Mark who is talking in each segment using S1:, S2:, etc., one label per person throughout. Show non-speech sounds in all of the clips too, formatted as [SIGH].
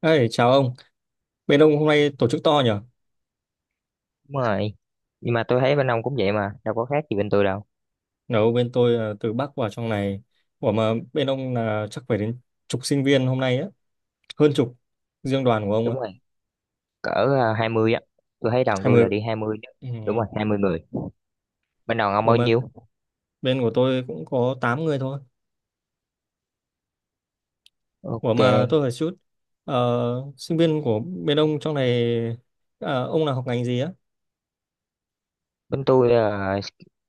S1: Ê, chào ông. Bên ông hôm nay tổ chức to nhỉ?
S2: Đúng rồi. Nhưng mà tôi thấy bên ông cũng vậy mà, đâu có khác gì bên tôi đâu.
S1: Nếu bên tôi là từ Bắc vào trong này. Ủa mà bên ông là chắc phải đến chục sinh viên hôm nay á. Hơn chục. Riêng đoàn của ông
S2: Đúng
S1: ạ.
S2: rồi, cỡ à, 20 á. Tôi thấy đoàn tôi
S1: 20.
S2: là đi 20 chứ.
S1: Ừ.
S2: Đúng
S1: ừ.
S2: rồi, 20 người. Bên đoàn ông
S1: Ủa
S2: bao
S1: mà
S2: nhiêu?
S1: bên của tôi cũng có 8 người thôi. Ủa
S2: Ok,
S1: mà tôi hỏi chút. Sinh viên của bên ông trong này... ông là học ngành gì á?
S2: bên tôi là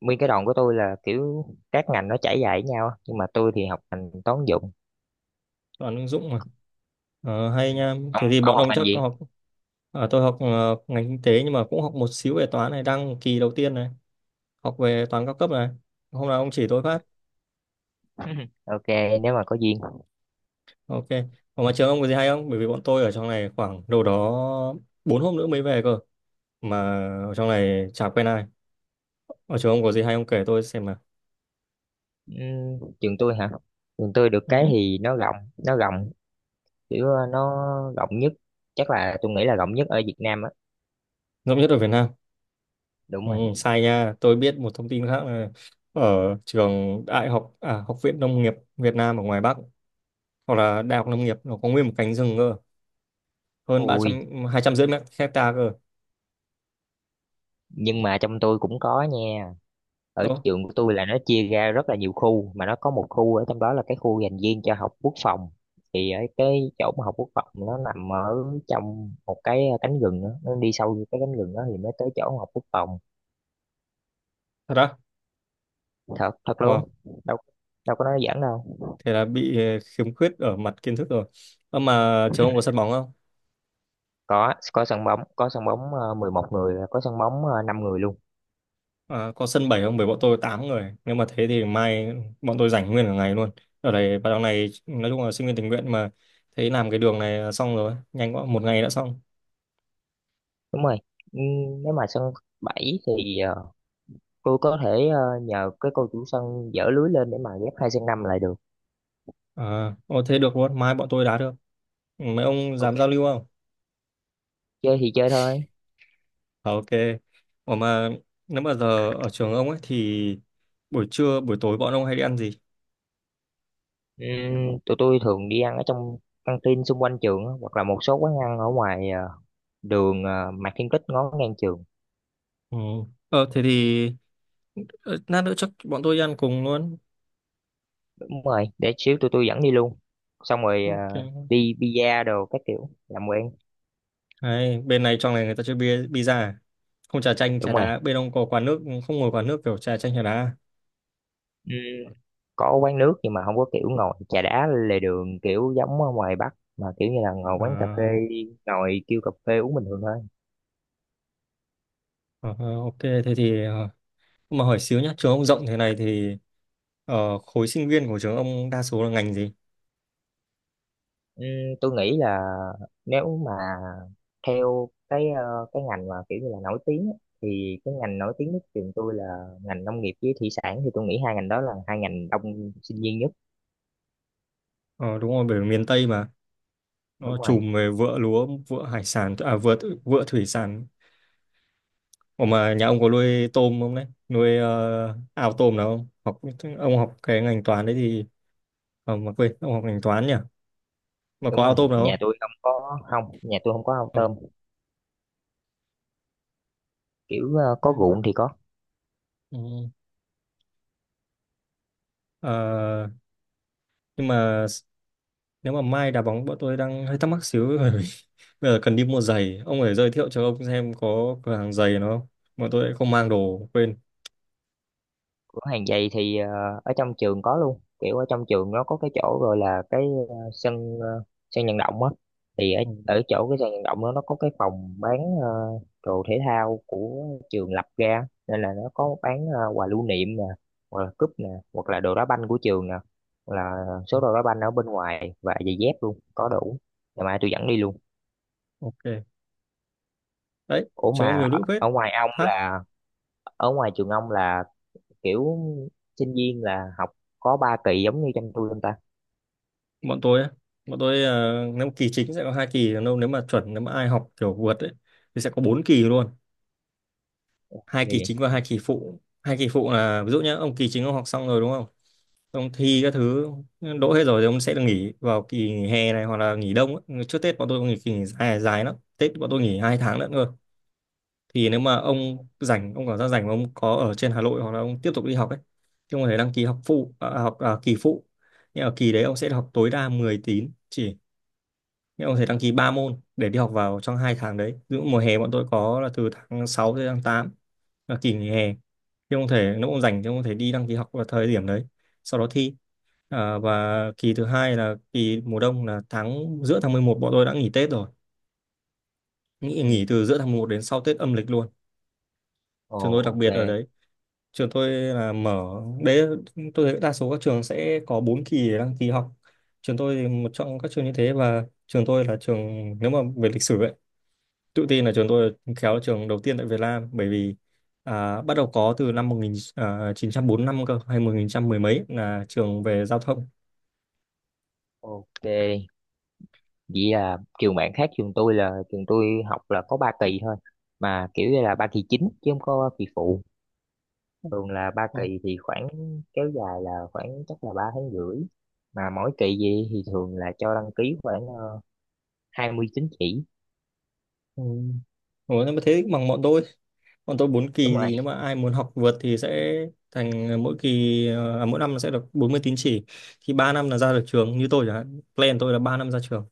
S2: nguyên cái đoàn của tôi là kiểu các ngành nó trải dài với nhau, á. Nhưng mà tôi thì học ngành toán dụng.
S1: Đoàn ứng dụng mà. Ờ,
S2: Ừ.
S1: hay nha.
S2: Ông
S1: Thế thì
S2: ông
S1: bọn
S2: học
S1: ông
S2: ngành
S1: chắc có
S2: gì?
S1: học... Tôi học ngành kinh tế nhưng mà cũng học một xíu về toán này. Đang kỳ đầu tiên này. Học về toán cao cấp này, hôm nào ông chỉ tôi phát.
S2: [LAUGHS] Ok, nếu mà có duyên.
S1: Ok, còn mà trường ông có gì hay không? Bởi vì bọn tôi ở trong này khoảng đâu đó bốn hôm nữa mới về cơ, mà ở trong này chả quen ai. Ở trường ông có gì hay ông kể tôi xem nào.
S2: Trường tôi hả? Trường tôi được cái
S1: Ừ.
S2: thì nó rộng, kiểu nó rộng nhất, chắc là tôi nghĩ là rộng nhất ở Việt Nam á.
S1: Ngẫm nhất ở Việt Nam.
S2: Đúng
S1: Ừ,
S2: rồi.
S1: sai nha, tôi biết một thông tin khác là ở trường đại học à, học viện nông nghiệp Việt Nam ở ngoài Bắc, hoặc là đại học nông nghiệp, nó có nguyên một cánh rừng cơ. Hơn ba
S2: Ui,
S1: trăm, hai trăm rưỡi mét hecta cơ.
S2: nhưng mà trong tôi cũng có nha. Ở
S1: Ồ,
S2: trường của tôi là nó chia ra rất là nhiều khu, mà nó có một khu ở trong đó là cái khu dành riêng cho học quốc phòng. Thì ở cái chỗ mà học quốc phòng nó nằm ở trong một cái cánh rừng đó. Nó đi sâu vô cái cánh rừng đó thì mới tới chỗ học quốc phòng.
S1: thật á.
S2: Thật thật luôn.
S1: Wow.
S2: Đâu đâu có nói giỡn đâu.
S1: Thế là bị khiếm khuyết ở mặt kiến thức rồi. Ơ mà trường ông có sân bóng không?
S2: Có sân bóng, có sân bóng 11 người, có sân bóng 5 người luôn.
S1: À, có sân bảy không? Bởi bọn tôi 8 người, nếu mà thế thì mai bọn tôi rảnh nguyên cả ngày luôn. Ở đây vào đằng này nói chung là sinh viên tình nguyện mà, thấy làm cái đường này là xong rồi, nhanh quá, một ngày đã xong.
S2: Đúng rồi. Ừ, nếu mà sân 7 thì tôi có thể nhờ cái cô chủ sân dỡ lưới lên để mà ghép hai sân năm lại được.
S1: À, ô, thế được luôn, mai bọn tôi đá được. Ừ, mấy ông dám
S2: Ok,
S1: giao lưu không?
S2: chơi thì chơi thôi.
S1: Ờ, ok. Ủa mà nếu mà giờ ở trường ông ấy thì buổi trưa buổi tối bọn ông hay đi ăn gì?
S2: Tụi tôi thường đi ăn ở trong căng tin xung quanh trường á, hoặc là một số quán ăn ở ngoài đường Mạc Thiên Kích ngó ngang trường.
S1: Ừ. Thế thì lát nữa chắc bọn tôi đi ăn cùng luôn.
S2: Đúng rồi, để xíu tụi tôi dẫn đi luôn, xong rồi
S1: Ok.
S2: đi pizza đồ các kiểu làm quen.
S1: Đấy, bên này trong này người ta chơi bia pizza à? Không trà chanh trà
S2: Đúng rồi.
S1: đá, bên ông có quán nước không? Ngồi quán nước kiểu trà chanh trà đá à?
S2: Ừm, có quán nước nhưng mà không có kiểu ngồi trà đá lề đường kiểu giống ở ngoài Bắc, mà kiểu như là ngồi quán cà phê,
S1: À,
S2: ngồi kêu cà phê uống bình thường thôi.
S1: ờ, ok, thế thì mà hỏi xíu nhá, trường ông rộng thế này thì khối sinh viên của trường ông đa số là ngành gì?
S2: Ừm, tôi nghĩ là nếu mà theo cái cái ngành mà kiểu như là nổi tiếng á, thì cái ngành nổi tiếng nhất trường tôi là ngành nông nghiệp với thủy sản, thì tôi nghĩ hai ngành đó là hai ngành đông sinh viên nhất.
S1: Ờ, đúng rồi, bởi vì miền Tây mà,
S2: Đúng
S1: nó
S2: rồi.
S1: trùm về vựa lúa, vựa hải sản, à, vựa, vựa thủy sản. Ủa mà nhà ông có nuôi tôm không đấy, nuôi ao tôm nào không học? Ông học cái ngành toán đấy thì mà quên, ông học ngành toán nhỉ, mà có
S2: Đúng
S1: ao
S2: rồi,
S1: tôm nào
S2: nhà tôi không có ao
S1: không?
S2: tôm. Kiểu có
S1: Không.
S2: ruộng thì có.
S1: Ừ. Ờ, nhưng mà nếu mà mai đá bóng bọn tôi đang hơi thắc mắc xíu bởi vì [LAUGHS] bây giờ cần đi mua giày, ông phải giới thiệu cho ông xem có cửa hàng giày nó không, bọn tôi lại không mang đồ, quên.
S2: Cửa hàng giày thì ở trong trường có luôn, kiểu ở trong trường nó có cái chỗ rồi, là cái ờ, sân ờ, sân vận động á. Thì ở
S1: Ừ.
S2: ở chỗ cái sân vận động đó nó có cái phòng bán đồ thể thao của trường lập ra, nên là nó có bán quà lưu niệm nè, hoặc là cúp nè, hoặc là đồ đá banh của trường nè, hoặc là số đồ đá banh ở bên ngoài và giày dép luôn, có đủ. Ngày mai tôi dẫn đi luôn.
S1: Ok. Đấy
S2: Ủa
S1: trường ông
S2: mà
S1: nhiều nữ phết.
S2: ở ngoài ông
S1: Hả?
S2: là ở ngoài trường ông là kiểu sinh viên là học có ba kỳ giống như trong tôi không ta?
S1: Bọn tôi á, bọn tôi nếu kỳ chính sẽ có hai kỳ, còn nếu mà chuẩn, nếu mà ai học kiểu vượt ấy thì sẽ có bốn kỳ luôn. Hai
S2: Ghê
S1: kỳ
S2: vậy.
S1: chính và hai kỳ phụ. Hai kỳ phụ là ví dụ nhé, ông kỳ chính ông học xong rồi đúng không, ông thi các thứ đỗ hết rồi thì ông sẽ được nghỉ vào kỳ nghỉ hè này hoặc là nghỉ đông ấy. Trước Tết bọn tôi nghỉ kỳ nghỉ dài, dài lắm, Tết bọn tôi nghỉ 2 tháng nữa cơ. Thì nếu mà ông rảnh, ông cảm giác rảnh mà ông có ở trên Hà Nội hoặc là ông tiếp tục đi học ấy, thì ông có thể đăng ký học phụ, học kỳ phụ. Nhưng ở kỳ đấy ông sẽ học tối đa 10 tín chỉ, nhưng ông có thể đăng ký 3 môn để đi học vào trong hai tháng đấy. Ví dụ mùa hè bọn tôi có là từ tháng 6 tới tháng 8 là kỳ nghỉ hè, thì không thể, nó cũng dành, chứ không thể đi đăng ký học vào thời điểm đấy, sau đó thi. À, và kỳ thứ hai là kỳ mùa đông là tháng, giữa tháng 11 bọn tôi đã nghỉ Tết rồi, nghỉ
S2: Ừ.
S1: từ giữa tháng 11 đến sau Tết âm lịch luôn.
S2: Ồ.
S1: Trường tôi đặc
S2: Ok.
S1: biệt ở đấy. Trường tôi là mở. Đấy, tôi thấy đa số các trường sẽ có 4 kỳ để đăng ký học, trường tôi thì một trong các trường như thế. Và trường tôi là trường, nếu mà về lịch sử ấy, tự tin là trường tôi khéo là trường đầu tiên tại Việt Nam, bởi vì bắt đầu có từ năm 1945 cơ, hay 1900 mười mấy, là trường về giao thông.
S2: Ok, vậy là trường bạn khác trường tôi, là trường tôi học là có ba kỳ thôi, mà kiểu như là ba kỳ chính chứ không có kỳ phụ. Thường là ba
S1: Ờ,
S2: kỳ thì khoảng, kéo dài là khoảng chắc là 3 tháng rưỡi, mà mỗi kỳ gì thì thường là cho đăng ký khoảng 20 tín chỉ.
S1: ừ. Ủa, nhưng mà thế bằng bọn tôi, bọn tôi 4
S2: Đúng
S1: kỳ
S2: rồi.
S1: thì nếu mà ai muốn học vượt thì sẽ thành mỗi kỳ mỗi năm sẽ được 40 tín chỉ, thì 3 năm là ra được trường, như tôi chẳng hạn, plan tôi là 3 năm ra trường.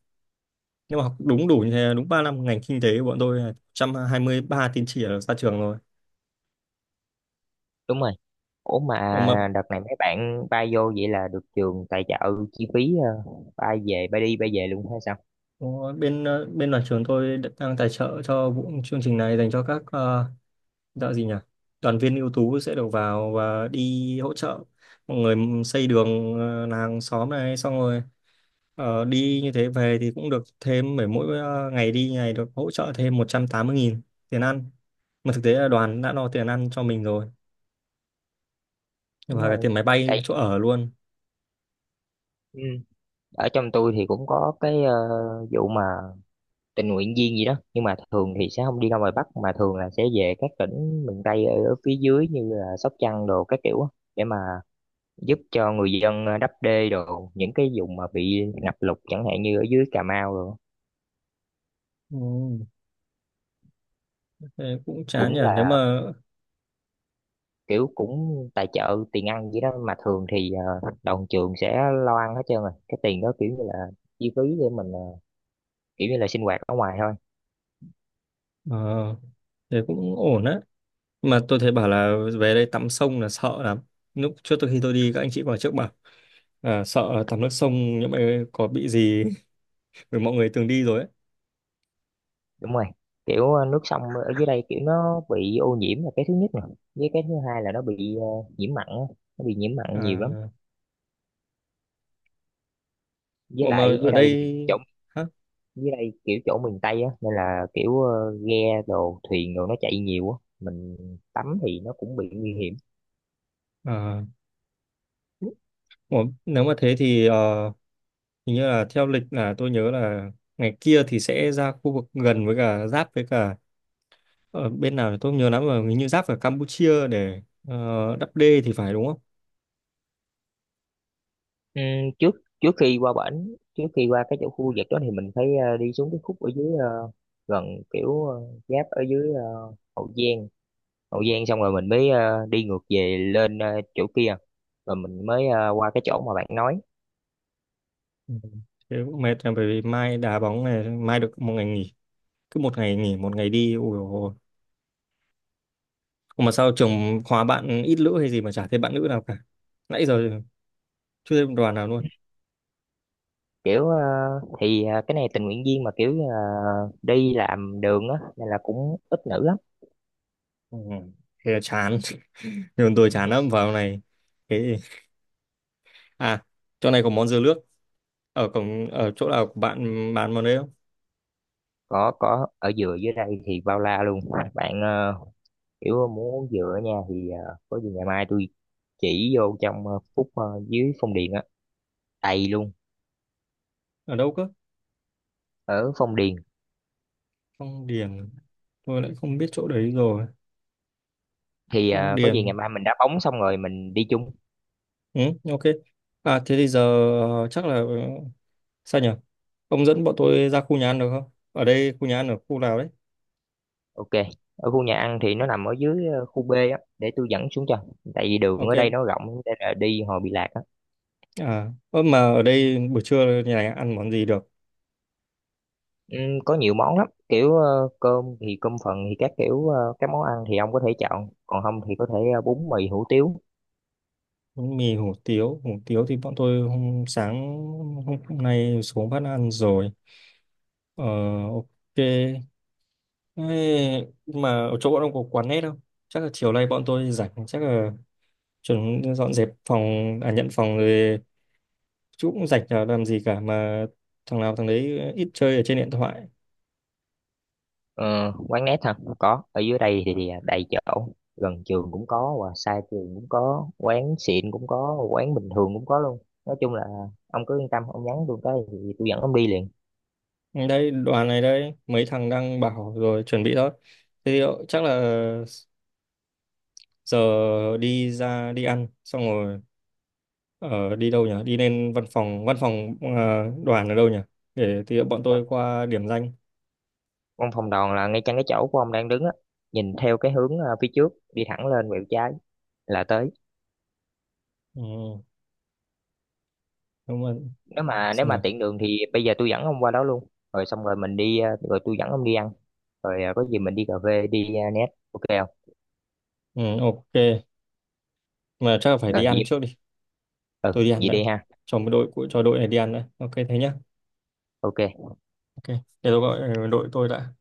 S1: Nếu mà học đúng đủ như thế, đúng 3 năm, ngành kinh tế của bọn tôi là 123 tín chỉ là ra trường rồi.
S2: Đúng rồi. Ủa mà
S1: Ủa mà.
S2: đợt này mấy bạn bay vô vậy là được trường tài trợ chi phí bay đi bay về luôn hay sao?
S1: Đúng rồi. Bên nhà trường tôi đang tài trợ cho vụ chương trình này dành cho các gọi gì nhỉ? Đoàn viên ưu tú sẽ được vào và đi hỗ trợ mọi người xây đường làng xóm này, xong rồi đi như thế về thì cũng được thêm mỗi mỗi ờ, ngày đi này được hỗ trợ thêm 180.000 tiền ăn. Mà thực tế là đoàn đã lo tiền ăn cho mình rồi,
S2: Đúng
S1: và cả
S2: rồi.
S1: tiền máy bay
S2: Tại
S1: chỗ ở luôn.
S2: ừ, ở trong tôi thì cũng có cái vụ mà tình nguyện viên gì đó, nhưng mà thường thì sẽ không đi ra ngoài Bắc, mà thường là sẽ về các tỉnh miền Tây ở phía dưới như là Sóc Trăng đồ các kiểu á, để mà giúp cho người dân đắp đê đồ những cái vùng mà bị ngập lụt, chẳng hạn như ở dưới Cà Mau rồi.
S1: Ừ. Thế cũng chán nhỉ,
S2: Cũng
S1: nếu
S2: là
S1: mà
S2: kiểu cũng tài trợ tiền ăn gì đó, mà thường thì đoàn trường sẽ lo ăn hết trơn rồi, cái tiền đó kiểu như là chi phí để mình kiểu như là sinh hoạt ở ngoài thôi.
S1: ờ, thế cũng ổn đấy. Mà tôi thấy bảo là về đây tắm sông là sợ lắm. Lúc trước tôi, khi tôi đi, các anh chị vào trước bảo à, sợ là tắm nước sông, những mày có bị gì. [LAUGHS] Bởi mọi người từng đi rồi ấy.
S2: Đúng rồi, kiểu nước sông ở dưới đây kiểu nó bị ô nhiễm là cái thứ nhất nè, với cái thứ hai là nó bị nhiễm mặn á. Nó bị nhiễm mặn nhiều lắm.
S1: À,
S2: Với
S1: ủa mà
S2: lại
S1: ở
S2: dưới đây thì
S1: đây.
S2: chỗ,
S1: Hả?
S2: dưới đây kiểu chỗ miền Tây á nên là kiểu ghe đồ thuyền đồ nó chạy nhiều á, mình tắm thì nó cũng bị nguy hiểm.
S1: À, ủa, nếu mà thế thì hình như là theo lịch là tôi nhớ là ngày kia thì sẽ ra khu vực gần với cả giáp với cả, ở bên nào thì tôi không nhớ lắm, mà hình như giáp ở Campuchia để đắp đê thì phải, đúng không?
S2: Ừ, trước trước khi qua bển trước khi qua cái chỗ khu vực đó thì mình phải đi xuống cái khúc ở dưới gần, kiểu giáp ở dưới Hậu Giang. Hậu Giang xong rồi mình mới đi ngược về lên chỗ kia, rồi mình mới qua cái chỗ mà bạn nói.
S1: Ừ. Thế cũng mệt, là bởi vì mai đá bóng này, mai được một ngày nghỉ, cứ một ngày nghỉ một ngày đi, ôi dồi ôi. Mà sao trường khóa bạn ít nữ hay gì mà chả thấy bạn nữ nào cả, nãy giờ chưa thấy một đoàn nào luôn.
S2: Kiểu thì cái này tình nguyện viên mà kiểu đi làm đường á nên là cũng ít nữ lắm.
S1: Ừ. Thế là chán. [LAUGHS] Nhưng tôi chán lắm
S2: [LAUGHS]
S1: vào này. Thế à, chỗ này có món dưa nước ở cổng, ở chỗ nào của bạn bán món đấy không?
S2: Có ở dừa dưới đây thì bao la luôn. Bạn kiểu muốn dừa nha thì có gì ngày mai tôi chỉ vô trong phút dưới Phong Điền á. Đầy luôn.
S1: Ở đâu cơ?
S2: Ở Phong Điền
S1: Phong Điền. Tôi lại không biết chỗ đấy rồi.
S2: thì
S1: Phong
S2: có gì ngày
S1: Điền.
S2: mai mình đá bóng xong rồi mình đi chung.
S1: Ừ, ok. À thế thì giờ ờ, chắc là ờ, sao nhỉ, ông dẫn bọn tôi ra khu nhà ăn được không, ở đây khu nhà ăn ở khu nào đấy?
S2: Ok. Ở khu nhà ăn thì nó nằm ở dưới khu B á, để tôi dẫn xuống cho, tại vì đường ở đây
S1: Ok.
S2: nó rộng nên là đi hồi bị lạc á.
S1: À, ơ mà ở đây buổi trưa nhà này ăn món gì được?
S2: Có nhiều món lắm, kiểu cơm thì cơm phần thì các kiểu các món ăn thì ông có thể chọn, còn không thì có thể bún mì hủ tiếu.
S1: Bánh Mì hủ tiếu thì bọn tôi hôm sáng hôm nay xuống phát ăn rồi. Ờ, ok. Ê, mà ở chỗ bọn ông có quán nét không? Chắc là chiều nay bọn tôi rảnh, chắc là chuẩn dọn dẹp phòng, à nhận phòng rồi, chú cũng rảnh chả làm gì cả mà, thằng nào thằng đấy ít chơi ở trên điện thoại.
S2: Ờ, Quán nét hả, có, ở dưới đây thì, đầy chỗ. Gần trường cũng có và xa trường cũng có, quán xịn cũng có, quán bình thường cũng có luôn. Nói chung là à, ông cứ yên tâm, ông nhắn tôi cái thì tôi dẫn ông đi liền.
S1: Đây, đoàn này đây, mấy thằng đang bảo rồi chuẩn bị đó. Thế thì chắc là giờ đi ra đi ăn xong rồi ở đi đâu nhỉ, đi lên văn phòng, văn phòng đoàn ở đâu nhỉ, để thì bọn tôi qua điểm danh.
S2: Văn phòng đoàn là ngay chân cái chỗ của ông đang đứng á, nhìn theo cái hướng phía trước đi thẳng lên quẹo trái là tới.
S1: Ừ, đúng rồi.
S2: Nếu mà nếu
S1: Xin
S2: mà
S1: nào.
S2: tiện đường thì bây giờ tôi dẫn ông qua đó luôn. Rồi xong rồi rồi tôi dẫn ông đi ăn. Rồi có gì mình đi cà phê đi net ok không?
S1: Ừ, ok, mà chắc là phải đi
S2: Rồi
S1: ăn
S2: gì,
S1: trước đi.
S2: ừ,
S1: Tôi đi ăn
S2: vậy
S1: đã,
S2: đi ha.
S1: cho đội này đi ăn đã, ok thế nhá.
S2: Ok.
S1: Ok. Để tôi gọi đội tôi đã.